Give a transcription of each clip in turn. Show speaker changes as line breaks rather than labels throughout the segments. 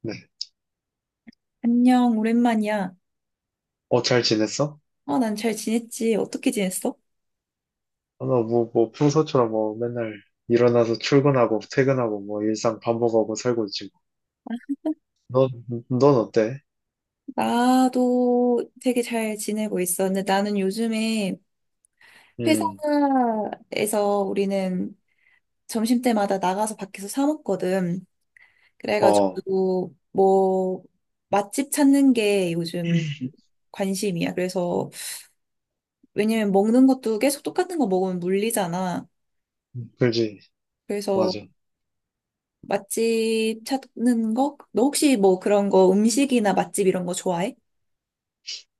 네.
안녕, 오랜만이야.
잘 지냈어?
어, 난 잘 지냈지. 어떻게 지냈어?
아, 나 평소처럼 뭐, 맨날 일어나서 출근하고, 퇴근하고, 뭐, 일상 반복하고 살고 지금. 넌 어때?
나도 되게 잘 지내고 있어. 근데 나는 요즘에
음.
회사에서 우리는 점심때마다 나가서 밖에서 사 먹거든.
어.
그래가지고 뭐 맛집 찾는 게 요즘 관심이야. 그래서 왜냐면 먹는 것도 계속 똑같은 거 먹으면 물리잖아.
그지.
그래서
맞아.
맛집 찾는 거? 너 혹시 뭐 그런 거 음식이나 맛집 이런 거 좋아해?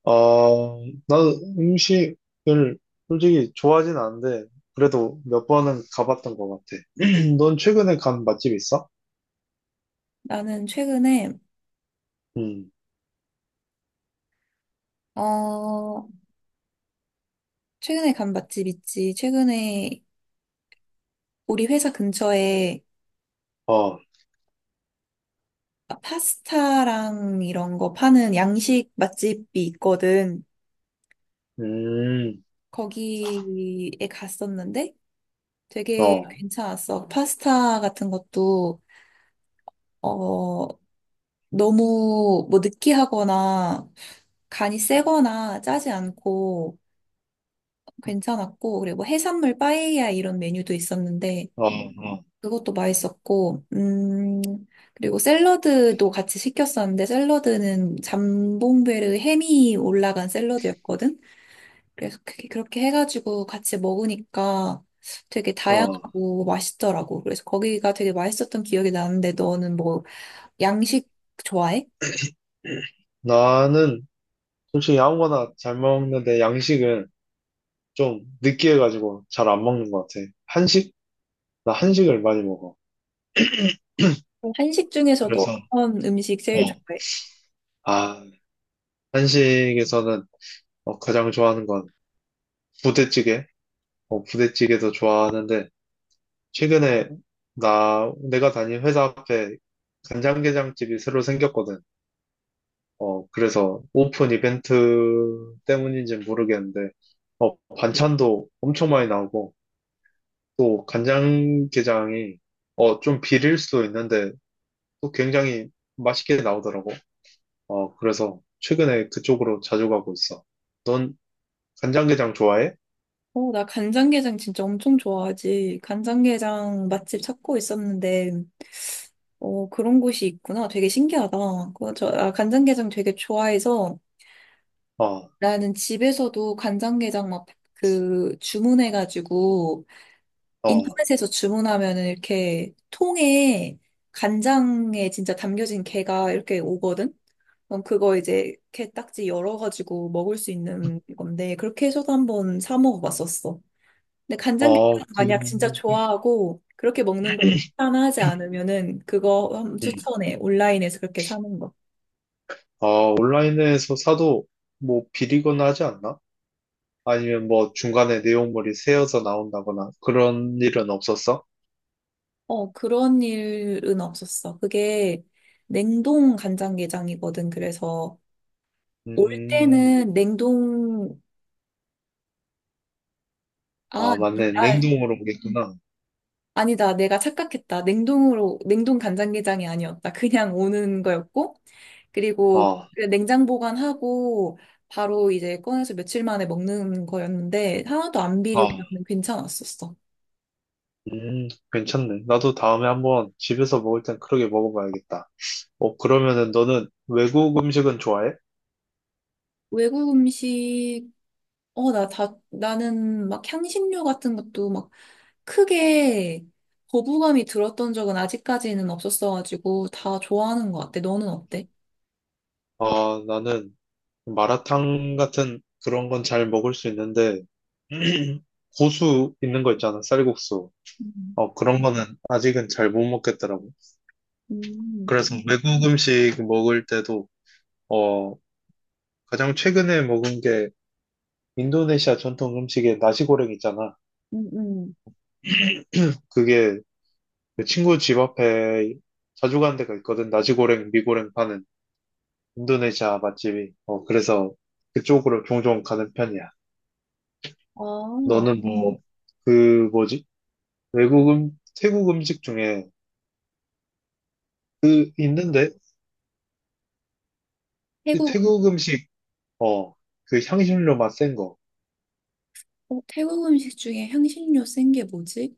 어, 나는 음식을 솔직히 좋아하진 않은데, 그래도 몇 번은 가봤던 것 같아. 넌 최근에 간 맛집 있어?
나는 최근에
음.
어, 최근에 간 맛집 있지. 최근에 우리 회사 근처에
어.
파스타랑 이런 거 파는 양식 맛집이 있거든.
음.
거기에 갔었는데 되게
어.
괜찮았어. 파스타 같은 것도, 어, 너무 뭐 느끼하거나 간이 세거나 짜지 않고 괜찮았고, 그리고 뭐 해산물 빠에야 이런 메뉴도 있었는데
어. 어.
그것도 맛있었고, 그리고 샐러드도 같이 시켰었는데, 샐러드는 잠봉베르 햄이 올라간 샐러드였거든? 그래서 그게 그렇게 해가지고 같이 먹으니까 되게
어.
다양하고 맛있더라고. 그래서 거기가 되게 맛있었던 기억이 나는데, 너는 뭐, 양식 좋아해?
나는 솔직히 아무거나 잘 먹는데, 양식은 좀 느끼해가지고 잘 안 먹는 것 같아. 한식? 나 한식을 많이 먹어.
한식
그래서,
중에서도 어떤 음식 제일
어,
좋아해?
아, 한식에서는 가장 좋아하는 건 부대찌개. 부대찌개도 좋아하는데, 최근에 내가 다닌 회사 앞에 간장게장집이 새로 생겼거든. 그래서 오픈 이벤트 때문인지는 모르겠는데, 반찬도 엄청 많이 나오고, 또 간장게장이 좀 비릴 수도 있는데, 또 굉장히 맛있게 나오더라고. 그래서 최근에 그쪽으로 자주 가고 있어. 넌 간장게장 좋아해?
어, 나 간장게장 진짜 엄청 좋아하지. 간장게장 맛집 찾고 있었는데, 어, 그런 곳이 있구나. 되게 신기하다. 그거 간장게장 되게 좋아해서
어.
나는 집에서도 간장게장 막 그 주문해가지고
어.
인터넷에서 주문하면은 이렇게 통에 간장에 진짜 담겨진 게가 이렇게 오거든? 그럼 그거 이제 게딱지 열어가지고 먹을 수 있는 건데 그렇게 해서도 한번 사 먹어봤었어. 근데
어.
간장게장
그.
만약 진짜
음.
좋아하고 그렇게 먹는 걸 추천하지 않으면은 그거 한번 추천해. 온라인에서 그렇게 사는 거.
온라인에서 사도 뭐 비리거나 하지 않나? 아니면 뭐 중간에 내용물이 새어서 나온다거나 그런 일은 없었어?
어, 그런 일은 없었어. 그게 냉동 간장게장이거든. 그래서 올
음,
때는 냉동, 아,
아, 맞네.
아,
냉동으로 오겠구나.
아니다. 내가 착각했다. 냉동으로, 냉동 간장게장이 아니었다. 그냥 오는 거였고.
어.
그리고
어.
그 냉장 보관하고 바로 이제 꺼내서 며칠 만에 먹는 거였는데 하나도 안 비리고 그냥 괜찮았었어.
괜찮네. 나도 다음에 한번 집에서 먹을 땐 그렇게 먹어봐야겠다. 그러면은 너는 외국 음식은 좋아해?
외국 음식 나는 막 향신료 같은 것도 막 크게 거부감이 들었던 적은 아직까지는 없었어가지고 다 좋아하는 것 같아. 너는 어때?
아, 나는 마라탕 같은 그런 건 잘 먹을 수 있는데, 고수 있는 거 있잖아, 쌀국수.
음,
그런 거는 아직은 잘 못 먹겠더라고.
음,
그래서 외국 음식 먹을 때도, 어, 가장 최근에 먹은 게 인도네시아 전통 음식의 나시고랭 있잖아.
음. 음.
그게 내 친구 집 앞에 자주 가는 데가 있거든. 나시고랭, 미고랭 파는 인도네시아 맛집이. 그래서 그쪽으로 종종 가는 편이야.
아,
너는 뭐, 그 뭐지? 외국 태국 음식 중에 있는데 이
태국,
태국 음식 어 그 향신료 맛 센 거.
어, 태국 음식 중에 향신료 센 게 뭐지?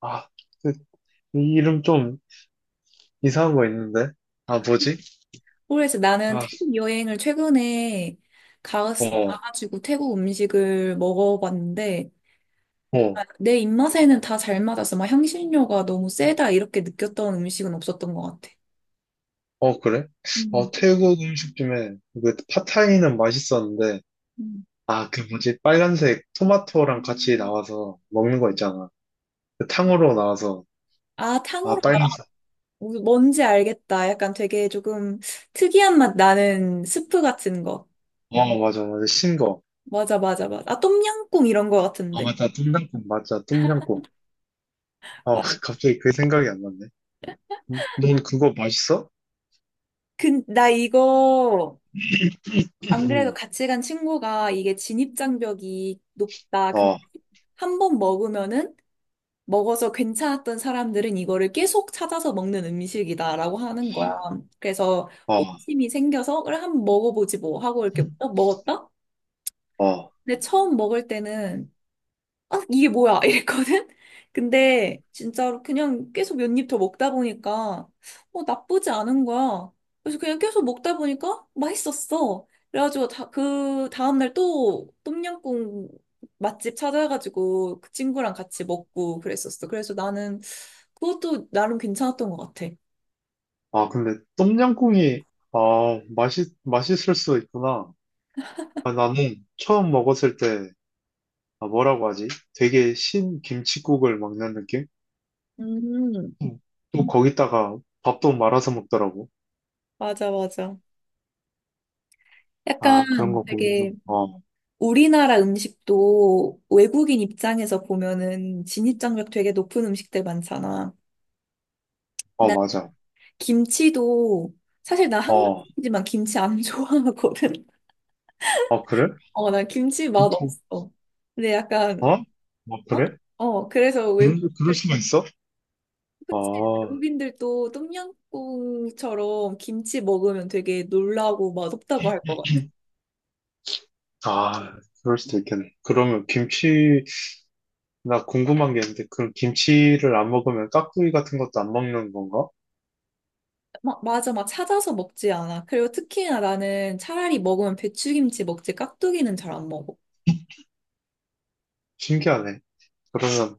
아, 그 이 이름 좀 이상한 거 있는데. 아, 뭐지?
그래서 나는
아.
태국 여행을 최근에 가,
어.
가가지고 태국 음식을 먹어봤는데, 아,
어.
내 입맛에는 다 잘 맞았어. 막 향신료가 너무 세다 이렇게 느꼈던 음식은 없었던 것 같아.
어, 그래?
음,
태국 음식 중에 그 팟타이는 맛있었는데
음.
아, 그 뭐지? 빨간색 토마토랑 같이 나와서 먹는 거 있잖아. 그 탕후루 나와서
아, 탕후루
아, 빨간색.
뭔지 알겠다. 약간 되게 조금 특이한 맛 나는 스프 같은 거.
어, 맞아, 맞아. 신 거.
맞아, 맞아, 맞아. 아, 똠양꿍 이런 거
아,
같은데.
맞다. 뚱장국. 맞아, 뚱장국.
맞아.
갑자기 그 생각이 안 났네. 넌 그거 맛있어?
나 이거, 안 그래도
음.
같이 간 친구가 이게 진입장벽이 높다. 근데
아.
한 번 먹으면은, 먹어서 괜찮았던 사람들은 이거를 계속 찾아서 먹는 음식이다라고 하는 거야. 그래서
아.
호기심이 생겨서, 그래, 한번 먹어보지 뭐 하고 이렇게 딱 먹었다?
아.
근데 처음 먹을 때는 아, 이게 뭐야? 이랬거든? 근데 진짜로 그냥 계속 몇 입 더 먹다 보니까 어, 나쁘지 않은 거야. 그래서 그냥 계속 먹다 보니까 맛있었어. 그래가지고 그 다음날 또 똠양꿍 맛집 찾아가지고 그 친구랑 같이 먹고 그랬었어. 그래서 나는 그것도 나름 괜찮았던 것 같아.
아, 근데 똠양꿍이 아, 맛있을 수도 있구나. 아, 나는 처음 먹었을 때 아, 뭐라고 하지? 되게 신 김칫국을 먹는 느낌?
음,
음. 또 거기다가 밥도 말아서 먹더라고.
맞아, 맞아. 약간
아, 그런 거 보면서
되게 우리나라 음식도 외국인 입장에서 보면은 진입장벽 되게 높은 음식들 많잖아.
어,
나
맞아.
김치도 사실 나
어,
한국이지만 인 김치 안 좋아하거든.
어, 그래?
어, 나 김치 맛 없어. 근데 약간
어? 어, 어,
어?
그래?
어, 그래서
그럴
외국인들
수가 있어?
그치?
아,
외국인들도 똠양꿍처럼 김치 먹으면 되게 놀라고 맛없다고 할 것 같아.
아, 그럴 수도 있겠네. 그러면 김치 나 궁금한 게 있는데, 그럼 김치를 안 먹으면 깍두기 같은 것도 안 먹는 건가?
막 맞아, 막 찾아서 먹지 않아. 그리고 특히나 나는 차라리 먹으면 배추김치 먹지 깍두기는 잘 안 먹어.
신기하네. 그러면,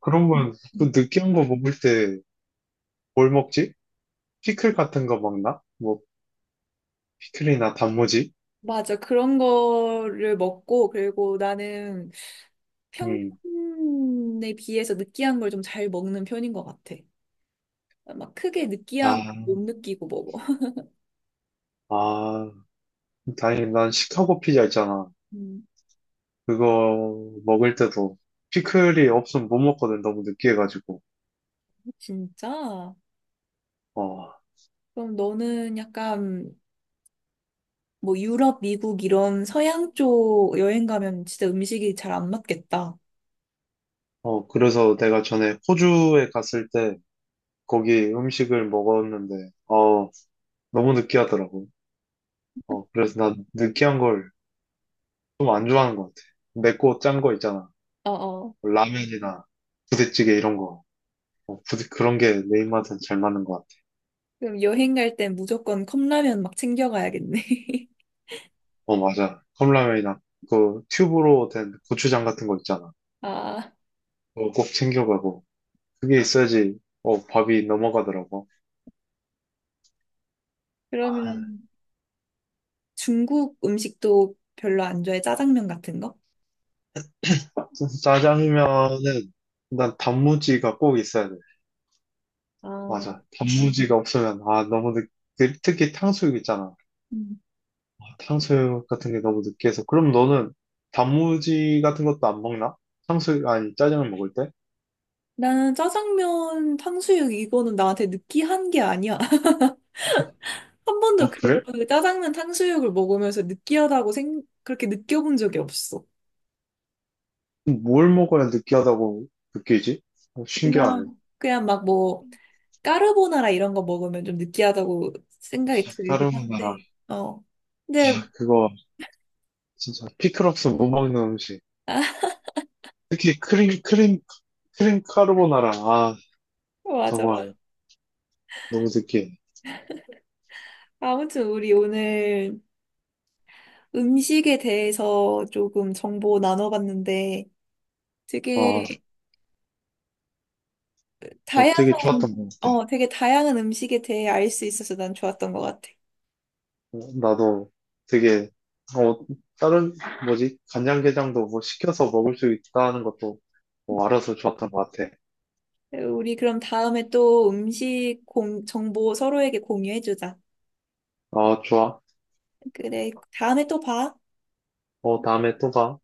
그러면 그 느끼한 거 먹을 때 뭘 먹지? 피클 같은 거 먹나? 뭐, 피클이나 단무지?
맞아. 그런 거를 먹고, 그리고 나는
음.
평균에 비해서 느끼한 걸 좀 잘 먹는 편인 것 같아. 막 크게 느끼함
아,
못 느끼고 먹어.
아, 다행히 난 시카고 피자 있잖아.
음,
그거 먹을 때도 피클이 없으면 못 먹거든. 너무 느끼해가지고.
진짜?
어,
그럼 너는 약간 뭐 유럽, 미국 이런 서양 쪽 여행 가면 진짜 음식이 잘 안 맞겠다.
그래서 내가 전에 호주에 갔을 때 거기 음식을 먹었는데, 너무 느끼하더라고. 그래서 나 느끼한 걸 좀 안 좋아하는 것 같아. 맵고 짠 거 있잖아.
어어.
뭐 라면이나 부대찌개 이런 거. 그런 게 내 입맛엔 잘 맞는 것 같아.
그럼 여행 갈 땐 무조건 컵라면 막 챙겨가야겠네.
어, 맞아. 컵라면이나 그 튜브로 된 고추장 같은 거 있잖아.
아,
그거 꼭 챙겨가고. 그게 있어야지, 밥이 넘어가더라고. 아,
그러면 중국 음식도 별로 안 좋아해? 짜장면 같은 거?
짜장면은 난 단무지가 꼭 있어야 돼.
아,
맞아. 단무지가 없으면, 아, 특히 탕수육 있잖아.
음.
탕수육 같은 게 너무 느끼해서. 그럼 너는 단무지 같은 것도 안 먹나? 탕수육, 아니, 짜장면 먹을 때?
나는 짜장면, 탕수육 이거는 나한테 느끼한 게 아니야. 한 번도
어, 그래?
그 짜장면, 탕수육을 먹으면서 느끼하다고 그렇게 느껴본 적이 없어.
뭘 먹어야 느끼하다고 느끼지? 신기하네.
그냥, 막 뭐, 까르보나라 이런 거 먹으면 좀 느끼하다고 생각이 들긴
까르보나라.
하는데, 어. 근데,
아, 그거 진짜 피클 없으면 못 먹는 음식. 특히 크림 까르보나라. 아,
어, 맞아. 맞아.
정말 너무 느끼해.
아무튼 우리 오늘 음식에 대해서 조금 정보 나눠봤는데,
아,
되게
되게
다양한,
좋았던 것 같아.
되게 다양한 음식에 대해 알 수 있어서 난 좋았던 것 같아.
나도 되게, 어, 다른, 뭐지, 간장게장도 뭐 시켜서 먹을 수 있다는 것도 뭐 알아서 좋았던 것 같아.
우리 그럼 다음에 또 음식 정보 서로에게 공유해주자.
아, 좋아.
그래, 다음에 또 봐.
다음에 또 봐.